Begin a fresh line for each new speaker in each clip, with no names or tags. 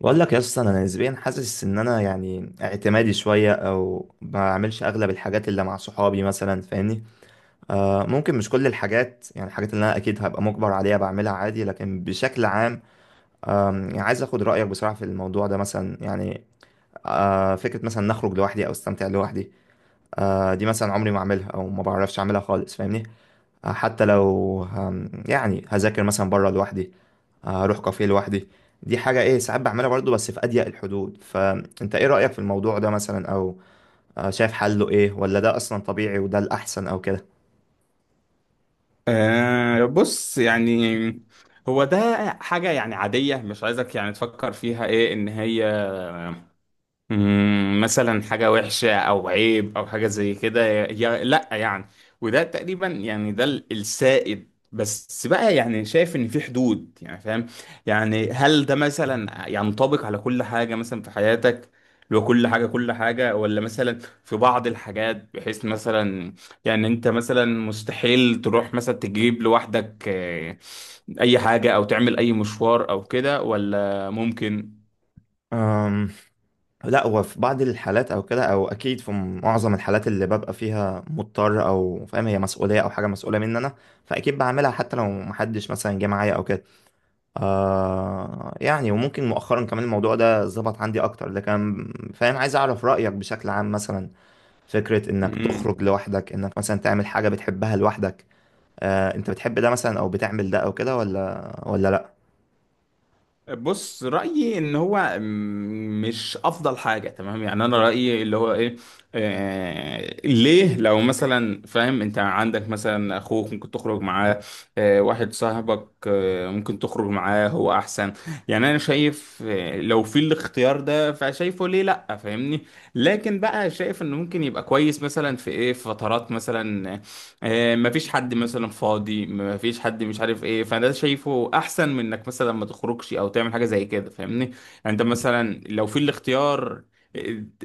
بقول لك يا اسطى انا نسبيا حاسس ان انا يعني اعتمادي شويه او ما بعملش اغلب الحاجات اللي مع صحابي مثلا فاهمني. ممكن مش كل الحاجات يعني الحاجات اللي انا اكيد هبقى مجبر عليها بعملها عادي لكن بشكل عام. يعني عايز اخد رايك بصراحه في الموضوع ده مثلا يعني. فكره مثلا نخرج لوحدي او استمتع لوحدي. دي مثلا عمري ما اعملها او ما بعرفش اعملها خالص فاهمني. حتى لو يعني هذاكر مثلا بره لوحدي. اروح كافيه لوحدي. دي حاجة ايه، ساعات بعملها برضه بس في اضيق الحدود. فانت ايه رأيك في الموضوع ده مثلا، او شايف حله ايه، ولا ده اصلا طبيعي وده الاحسن او كده؟
آه بص يعني، هو ده حاجة يعني عادية. مش عايزك يعني تفكر فيها ايه ان هي مثلا حاجة وحشة أو عيب أو حاجة زي كده، يا لأ يعني. وده تقريبا يعني ده السائد، بس بقى يعني شايف إن في حدود، يعني فاهم. يعني هل ده مثلا ينطبق على كل حاجة مثلا في حياتك؟ لو كل حاجة كل حاجة، ولا مثلا في بعض الحاجات بحيث مثلا يعني أنت مثلا مستحيل تروح مثلا تجيب لوحدك أي حاجة أو تعمل أي مشوار أو كده، ولا ممكن؟
أم لا، هو في بعض الحالات او كده، او اكيد في معظم الحالات اللي ببقى فيها مضطر او فاهم هي مسؤوليه او حاجه مسؤوله مني انا، فاكيد بعملها حتى لو محدش مثلا جه معايا او كده. يعني وممكن مؤخرا كمان الموضوع ده ظبط عندي اكتر، لكن فاهم عايز اعرف رايك بشكل عام مثلا. فكرة انك تخرج
مم.
لوحدك، انك مثلا تعمل حاجة بتحبها لوحدك، انت بتحب ده مثلا او بتعمل ده او كده ولا لا؟
بص رأيي ان هو مش افضل حاجة، تمام. يعني انا رأيي اللي هو ايه، ليه؟ لو مثلا فاهم، انت عندك مثلا اخوك ممكن تخرج معاه، واحد صاحبك ممكن تخرج معاه، هو احسن. يعني انا شايف، لو في الاختيار ده فشايفه ليه لا، فاهمني. لكن بقى شايف انه ممكن يبقى كويس مثلا في ايه، في فترات مثلا مفيش حد مثلا فاضي، مفيش حد، مش عارف ايه. فده شايفه احسن من انك مثلا ما تخرجش او تعمل حاجه زي كده، فاهمني يعني. انت مثلا لو في الاختيار، آه،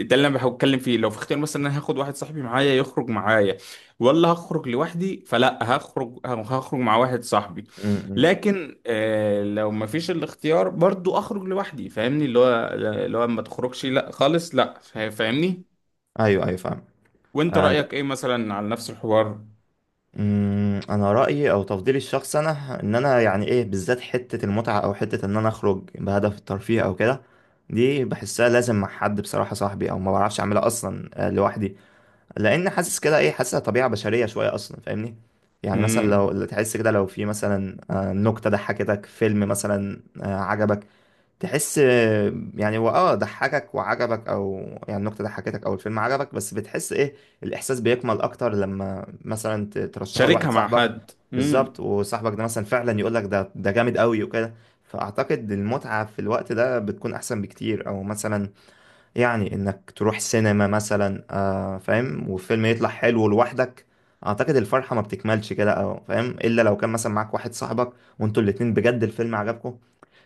ده اللي انا بحاول اتكلم فيه. لو في اختيار مثلا، انا هاخد واحد صاحبي معايا يخرج معايا، ولا هخرج لوحدي؟ فلا هخرج مع واحد صاحبي.
امم.
لكن لو مفيش الاختيار، برضو اخرج لوحدي، فاهمني. اللي هو ما تخرجش، لا خالص لا. فاهمني؟
ايوه ايوه، فاهم.
وانت
آه، انت
رايك ايه مثلا على نفس الحوار؟
مم، انا رايي او تفضيلي الشخصي انا ان انا يعني ايه بالذات حته المتعه، او حته ان انا اخرج بهدف الترفيه او كده، دي بحسها لازم مع حد بصراحه، صاحبي، او ما بعرفش اعملها اصلا لوحدي. لان حاسس كده ايه، حاسسها طبيعه بشريه شويه اصلا فاهمني. يعني مثلا لو
امم.
لو تحس كده، لو في مثلا نكته ضحكتك، فيلم مثلا عجبك، تحس يعني هو ضحكك وعجبك، او يعني النكته ضحكتك او الفيلم عجبك، بس بتحس ايه الاحساس بيكمل اكتر لما مثلا ترشحه لواحد
تشاركها مع
صاحبك.
حد
بالظبط،
امم
وصاحبك ده مثلا فعلا يقول لك ده جامد قوي وكده. فاعتقد المتعه في الوقت ده بتكون احسن بكتير، او مثلا يعني انك تروح سينما مثلا، فاهم، والفيلم يطلع حلو لوحدك، اعتقد الفرحة ما بتكملش كده، او فاهم، الا لو كان مثلا معاك واحد صاحبك وانتوا الاتنين بجد الفيلم عجبكم.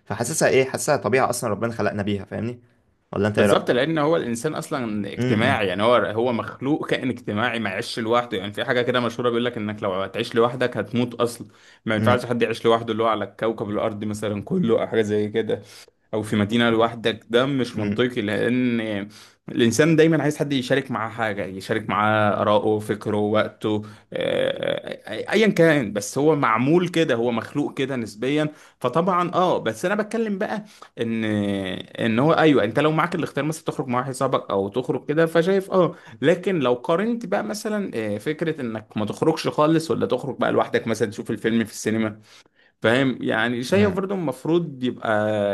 فحاسسها ايه، حاسسها طبيعة اصلا ربنا خلقنا بيها فاهمني. ولا انت ايه رأيك؟
بالظبط. لان هو الانسان اصلا
امم.
اجتماعي، يعني هو مخلوق كائن اجتماعي، ما يعيش لوحده. يعني في حاجه كده مشهوره بيقول لك انك لو هتعيش لوحدك هتموت اصلا. ما
امم.
ينفعش حد يعيش لوحده، اللي هو على كوكب الارض مثلا كله او حاجه زي كده، او في مدينة لوحدك، ده مش
امم.
منطقي. لان الانسان دايما عايز حد يشارك معاه حاجة، يشارك معاه آراءه، فكره، وقته. ايا كان، بس هو معمول كده، هو مخلوق كده نسبيا. فطبعا بس انا بتكلم بقى ان هو، ايوه، انت لو معاك الاختيار مثلا تخرج مع واحد صاحبك او تخرج كده، فشايف اه لكن لو قارنت بقى مثلا فكرة انك ما تخرجش خالص، ولا تخرج بقى لوحدك مثلا تشوف الفيلم في السينما، فاهم يعني. شايف برضه المفروض يبقى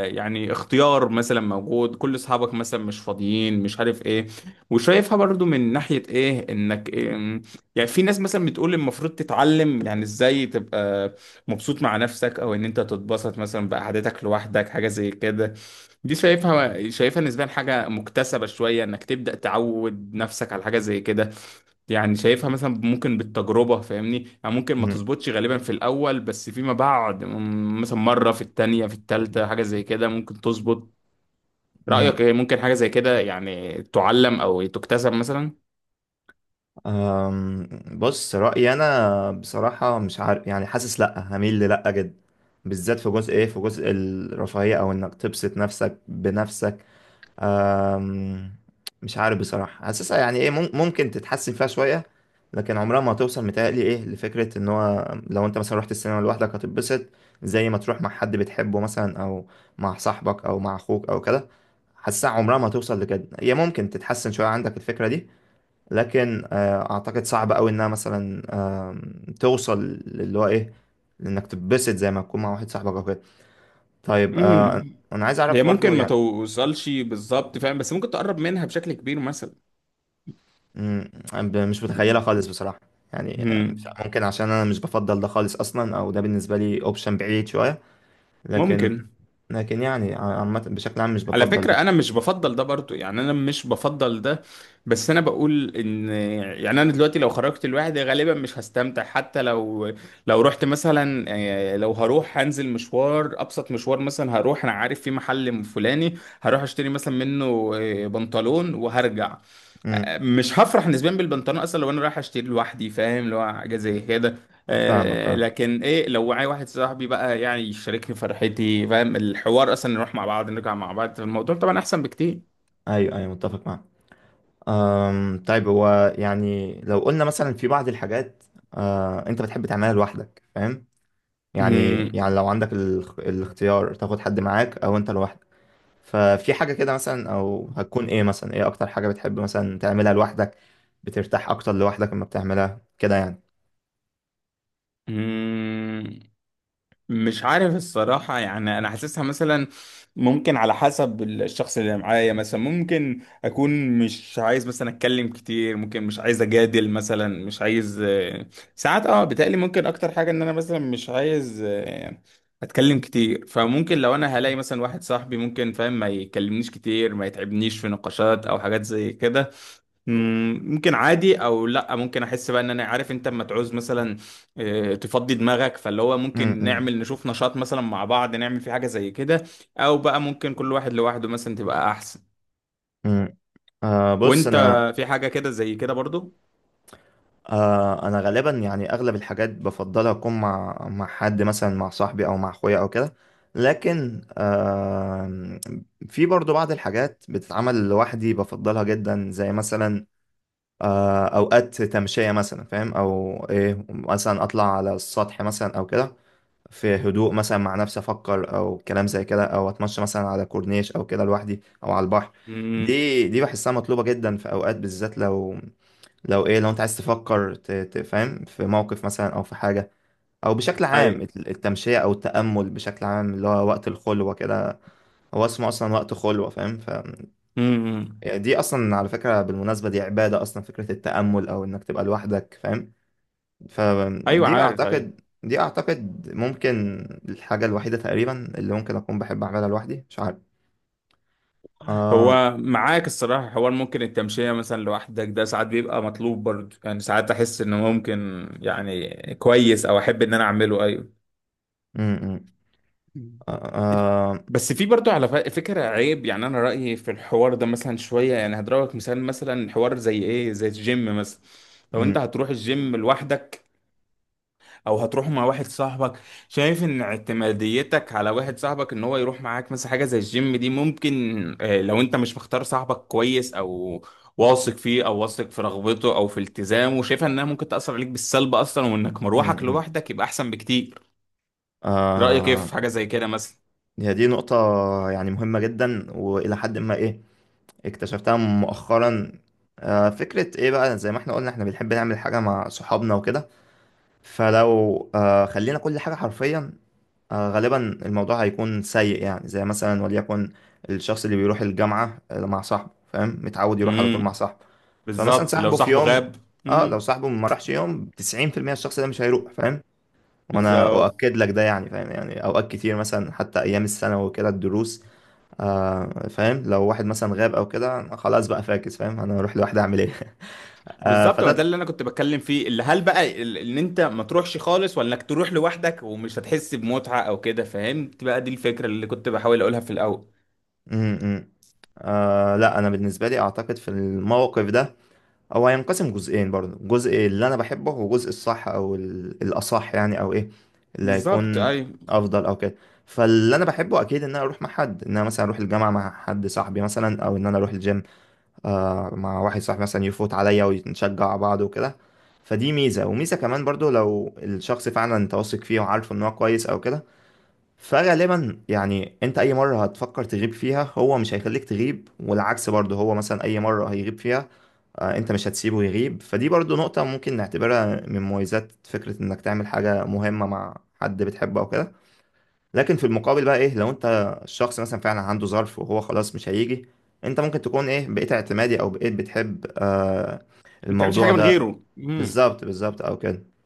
يعني اختيار مثلا موجود، كل اصحابك مثلا مش فاضيين، مش عارف ايه. وشايفها برضه من ناحية ايه، انك إيه. يعني في ناس مثلا بتقول المفروض تتعلم يعني ازاي تبقى مبسوط مع نفسك، او ان انت تتبسط مثلا بقعدتك لوحدك، حاجة زي كده. دي شايفها نسبيا حاجة مكتسبة شوية، انك تبدأ تعود نفسك على حاجة زي كده. يعني شايفها مثلا ممكن بالتجربة، فاهمني. يعني ممكن ما
امم.
تظبطش غالبا في الأول، بس فيما بعد مثلا مرة، في التانية، في التالتة، حاجة زي كده ممكن تظبط. رأيك
امم.
إيه، ممكن حاجة زي كده يعني تعلم أو تكتسب مثلا؟
أم، بص رأيي أنا بصراحة مش عارف، يعني حاسس لأ، هميل لأ جدا، بالذات في جزء إيه، في جزء الرفاهية، أو إنك تبسط نفسك بنفسك. أم، مش عارف بصراحة، حاسسها يعني ايه، ممكن تتحسن فيها شوية، لكن عمرها ما هتوصل متهيألي ايه لفكرة ان هو لو انت مثلا رحت السينما لوحدك هتتبسط زي ما تروح مع حد بتحبه مثلا، او مع صاحبك او مع اخوك او كده. حاسسها عمرها ما هتوصل لكده، هي ممكن تتحسن شوية عندك الفكرة دي، لكن اعتقد صعب قوي انها مثلا توصل، اللي هو ايه انك تتبسط زي ما تكون مع واحد صاحبك او كده. طيب
امم.
انا عايز
هي
اعرف
ممكن
برضو
ما
يعني.
توصلش بالظبط، فاهم، بس ممكن تقرب منها بشكل كبير مثلا.
مم. مش متخيلة خالص بصراحة، يعني مش
مم.
ممكن، عشان أنا مش بفضل ده خالص أصلا، أو ده بالنسبة لي أوبشن بعيد شوية. لكن
ممكن.
يعني عامة بشكل عام مش
على
بفضل
فكرة
ده.
أنا مش بفضل ده برضو، يعني أنا مش بفضل ده. بس أنا بقول إن يعني أنا دلوقتي لو خرجت لوحدي غالبا مش هستمتع، حتى لو رحت مثلا، لو هروح، هنزل مشوار، أبسط مشوار مثلا، هروح أنا عارف في محل فلاني، هروح أشتري مثلا منه بنطلون وهرجع.
مم.
مش هفرح نسبيا بالبنطلون أصلا لو أنا رايح أشتري لوحدي، فاهم اللي هو حاجة زي كده.
فاهمك، فاهم.
لكن ايه لو معايا واحد صاحبي بقى، يعني يشاركني فرحتي، فاهم الحوار اصلا، نروح مع بعض نرجع مع بعض، الموضوع طبعا احسن بكتير.
أيوه أيوه، متفق معاك. طيب هو يعني لو قلنا مثلا في بعض الحاجات أنت بتحب تعملها لوحدك فاهم، يعني
مم.
يعني لو عندك الاختيار تاخد حد معاك أو أنت لوحدك. ففي حاجة كده مثلا، أو هتكون إيه مثلا، إيه أكتر حاجة بتحب مثلا تعملها لوحدك، بترتاح أكتر لوحدك لما بتعملها كده يعني؟
مم. مش عارف الصراحة، يعني أنا حاسسها مثلا ممكن على حسب الشخص اللي معايا. مثلا ممكن أكون مش عايز مثلا أتكلم كتير، ممكن مش عايز أجادل مثلا، مش عايز. ساعات بتقلي ممكن أكتر حاجة إن أنا مثلا مش عايز أتكلم كتير. فممكن لو أنا هلاقي مثلا واحد صاحبي ممكن، فاهم، ما يكلمنيش كتير، ما يتعبنيش في نقاشات أو حاجات زي كده، ممكن عادي. او لا، ممكن احس بقى ان انا عارف انت اما تعوز مثلا تفضي دماغك، فاللي هو ممكن
امم.
نعمل، نشوف نشاط مثلا مع بعض، نعمل في حاجة زي كده. او بقى ممكن كل واحد لوحده مثلا تبقى احسن.
امم. آه بص
وانت،
أنا
في حاجة كده زي كده برضو؟
آه، أنا غالبا يعني أغلب الحاجات بفضلها أكون مع حد، مثلا مع صاحبي أو مع أخويا أو كده. لكن آه، في برضو بعض الحاجات بتتعمل لوحدي بفضلها جدا، زي مثلا أوقات تمشية مثلا فاهم، أو إيه مثلا أطلع على السطح مثلا أو كده، في هدوء مثلا مع نفسي افكر او كلام زي كده، او اتمشى مثلا على كورنيش او كده لوحدي، او على البحر.
امم،
دي بحسها مطلوبة جدا في اوقات، بالذات لو لو ايه لو انت عايز تفكر فاهم في موقف مثلا او في حاجة، او بشكل عام
ايوه.
التمشية او التأمل بشكل عام اللي هو وقت الخلوة كده، هو اسمه اصلا وقت خلوة فاهم ف،
امم،
يعني دي اصلا على فكرة بالمناسبة دي عبادة اصلا، فكرة التأمل او انك تبقى لوحدك فاهم.
ايوه
فدي
عارف، ايوه.
اعتقد دي اعتقد ممكن الحاجة الوحيدة تقريبا اللي ممكن اكون بحب اعملها لوحدي، مش عارف. آه
هو معاك الصراحة حوار. ممكن التمشية مثلا لوحدك ده ساعات بيبقى مطلوب برضو، يعني ساعات احس انه ممكن يعني كويس او احب ان انا اعمله، ايوه.
م- م.
مم.
آه، آه،
بس في برضو على فكرة عيب، يعني أنا رأيي في الحوار ده مثلا شوية، يعني هضربك مثال، مثلا حوار زي إيه، زي الجيم مثلا. لو أنت
م-
هتروح الجيم لوحدك أو هتروح مع واحد صاحبك، شايف إن اعتماديتك على واحد صاحبك إن هو يروح معاك مثلا حاجة زي الجيم دي ممكن، لو أنت مش مختار صاحبك كويس، أو واثق فيه، أو واثق في رغبته أو في التزامه، شايفها إنها ممكن تأثر عليك بالسلب أصلا، وإنك
م-
مروحك
م.
لوحدك يبقى أحسن بكتير. رأيك إيه
آه،
في حاجة زي كده؟
هي دي نقطة يعني مهمة جدا، وإلى حد ما إيه اكتشفتها مؤخرا. آه، فكرة إيه بقى، زي ما إحنا قلنا إحنا بنحب نعمل حاجة مع صحابنا وكده، فلو آه خلينا كل حاجة حرفيا غالبا الموضوع هيكون سيء. يعني زي مثلا، وليكن الشخص اللي بيروح الجامعة مع صاحبه فاهم، متعود يروح على طول مع
مثلا،
صاحبه، فمثلا
بالظبط لو
صاحبه في
صاحبه
يوم
غاب.
اه لو
امم.
صاحبه ما راحش يوم، 90% الشخص ده مش هيروح فاهم. وانا
بالظبط
اؤكد لك ده يعني فاهم، يعني اوقات كتير مثلا حتى ايام السنة وكده الدروس، فاهم، لو واحد مثلا غاب او كده خلاص بقى فاكس فاهم، انا اروح لوحدي اعمل ايه
بالظبط، ما
فده
ده اللي انا كنت بتكلم فيه، اللي هل بقى ان انت ما تروحش خالص ولا انك تروح لوحدك ومش هتحس بمتعة او كده، فهمت بقى. دي الفكرة اللي كنت بحاول اقولها في الاول.
م -م. آه لا، انا بالنسبة لي اعتقد في الموقف ده هو هينقسم جزئين برضه، جزء اللي انا بحبه، وجزء الصح او الاصح يعني، او ايه اللي
بالظبط،
هيكون
ايوه.
افضل او كده. فاللي انا بحبه اكيد ان انا اروح مع حد، ان انا مثلا اروح الجامعه مع حد صاحبي مثلا، او ان انا اروح الجيم مع واحد صاحبي مثلا يفوت عليا ونشجع بعض وكده. فدي ميزه، وميزه كمان برضه لو الشخص فعلا انت واثق فيه وعارفه ان هو كويس او كده، فغالبا يعني انت اي مره هتفكر تغيب فيها هو مش هيخليك تغيب، والعكس برضه، هو مثلا اي مره هيغيب فيها انت مش هتسيبه يغيب، فدي برضو نقطة ممكن نعتبرها من مميزات فكرة انك تعمل حاجة مهمة مع حد بتحبه او كده. لكن في المقابل بقى ايه، لو انت الشخص مثلا فعلا عنده ظرف وهو خلاص مش هيجي، انت ممكن تكون ايه بقيت اعتمادي او بقيت بتحب
ما تعملش
الموضوع
حاجة من
ده.
غيره.
بالظبط، بالظبط، او كده.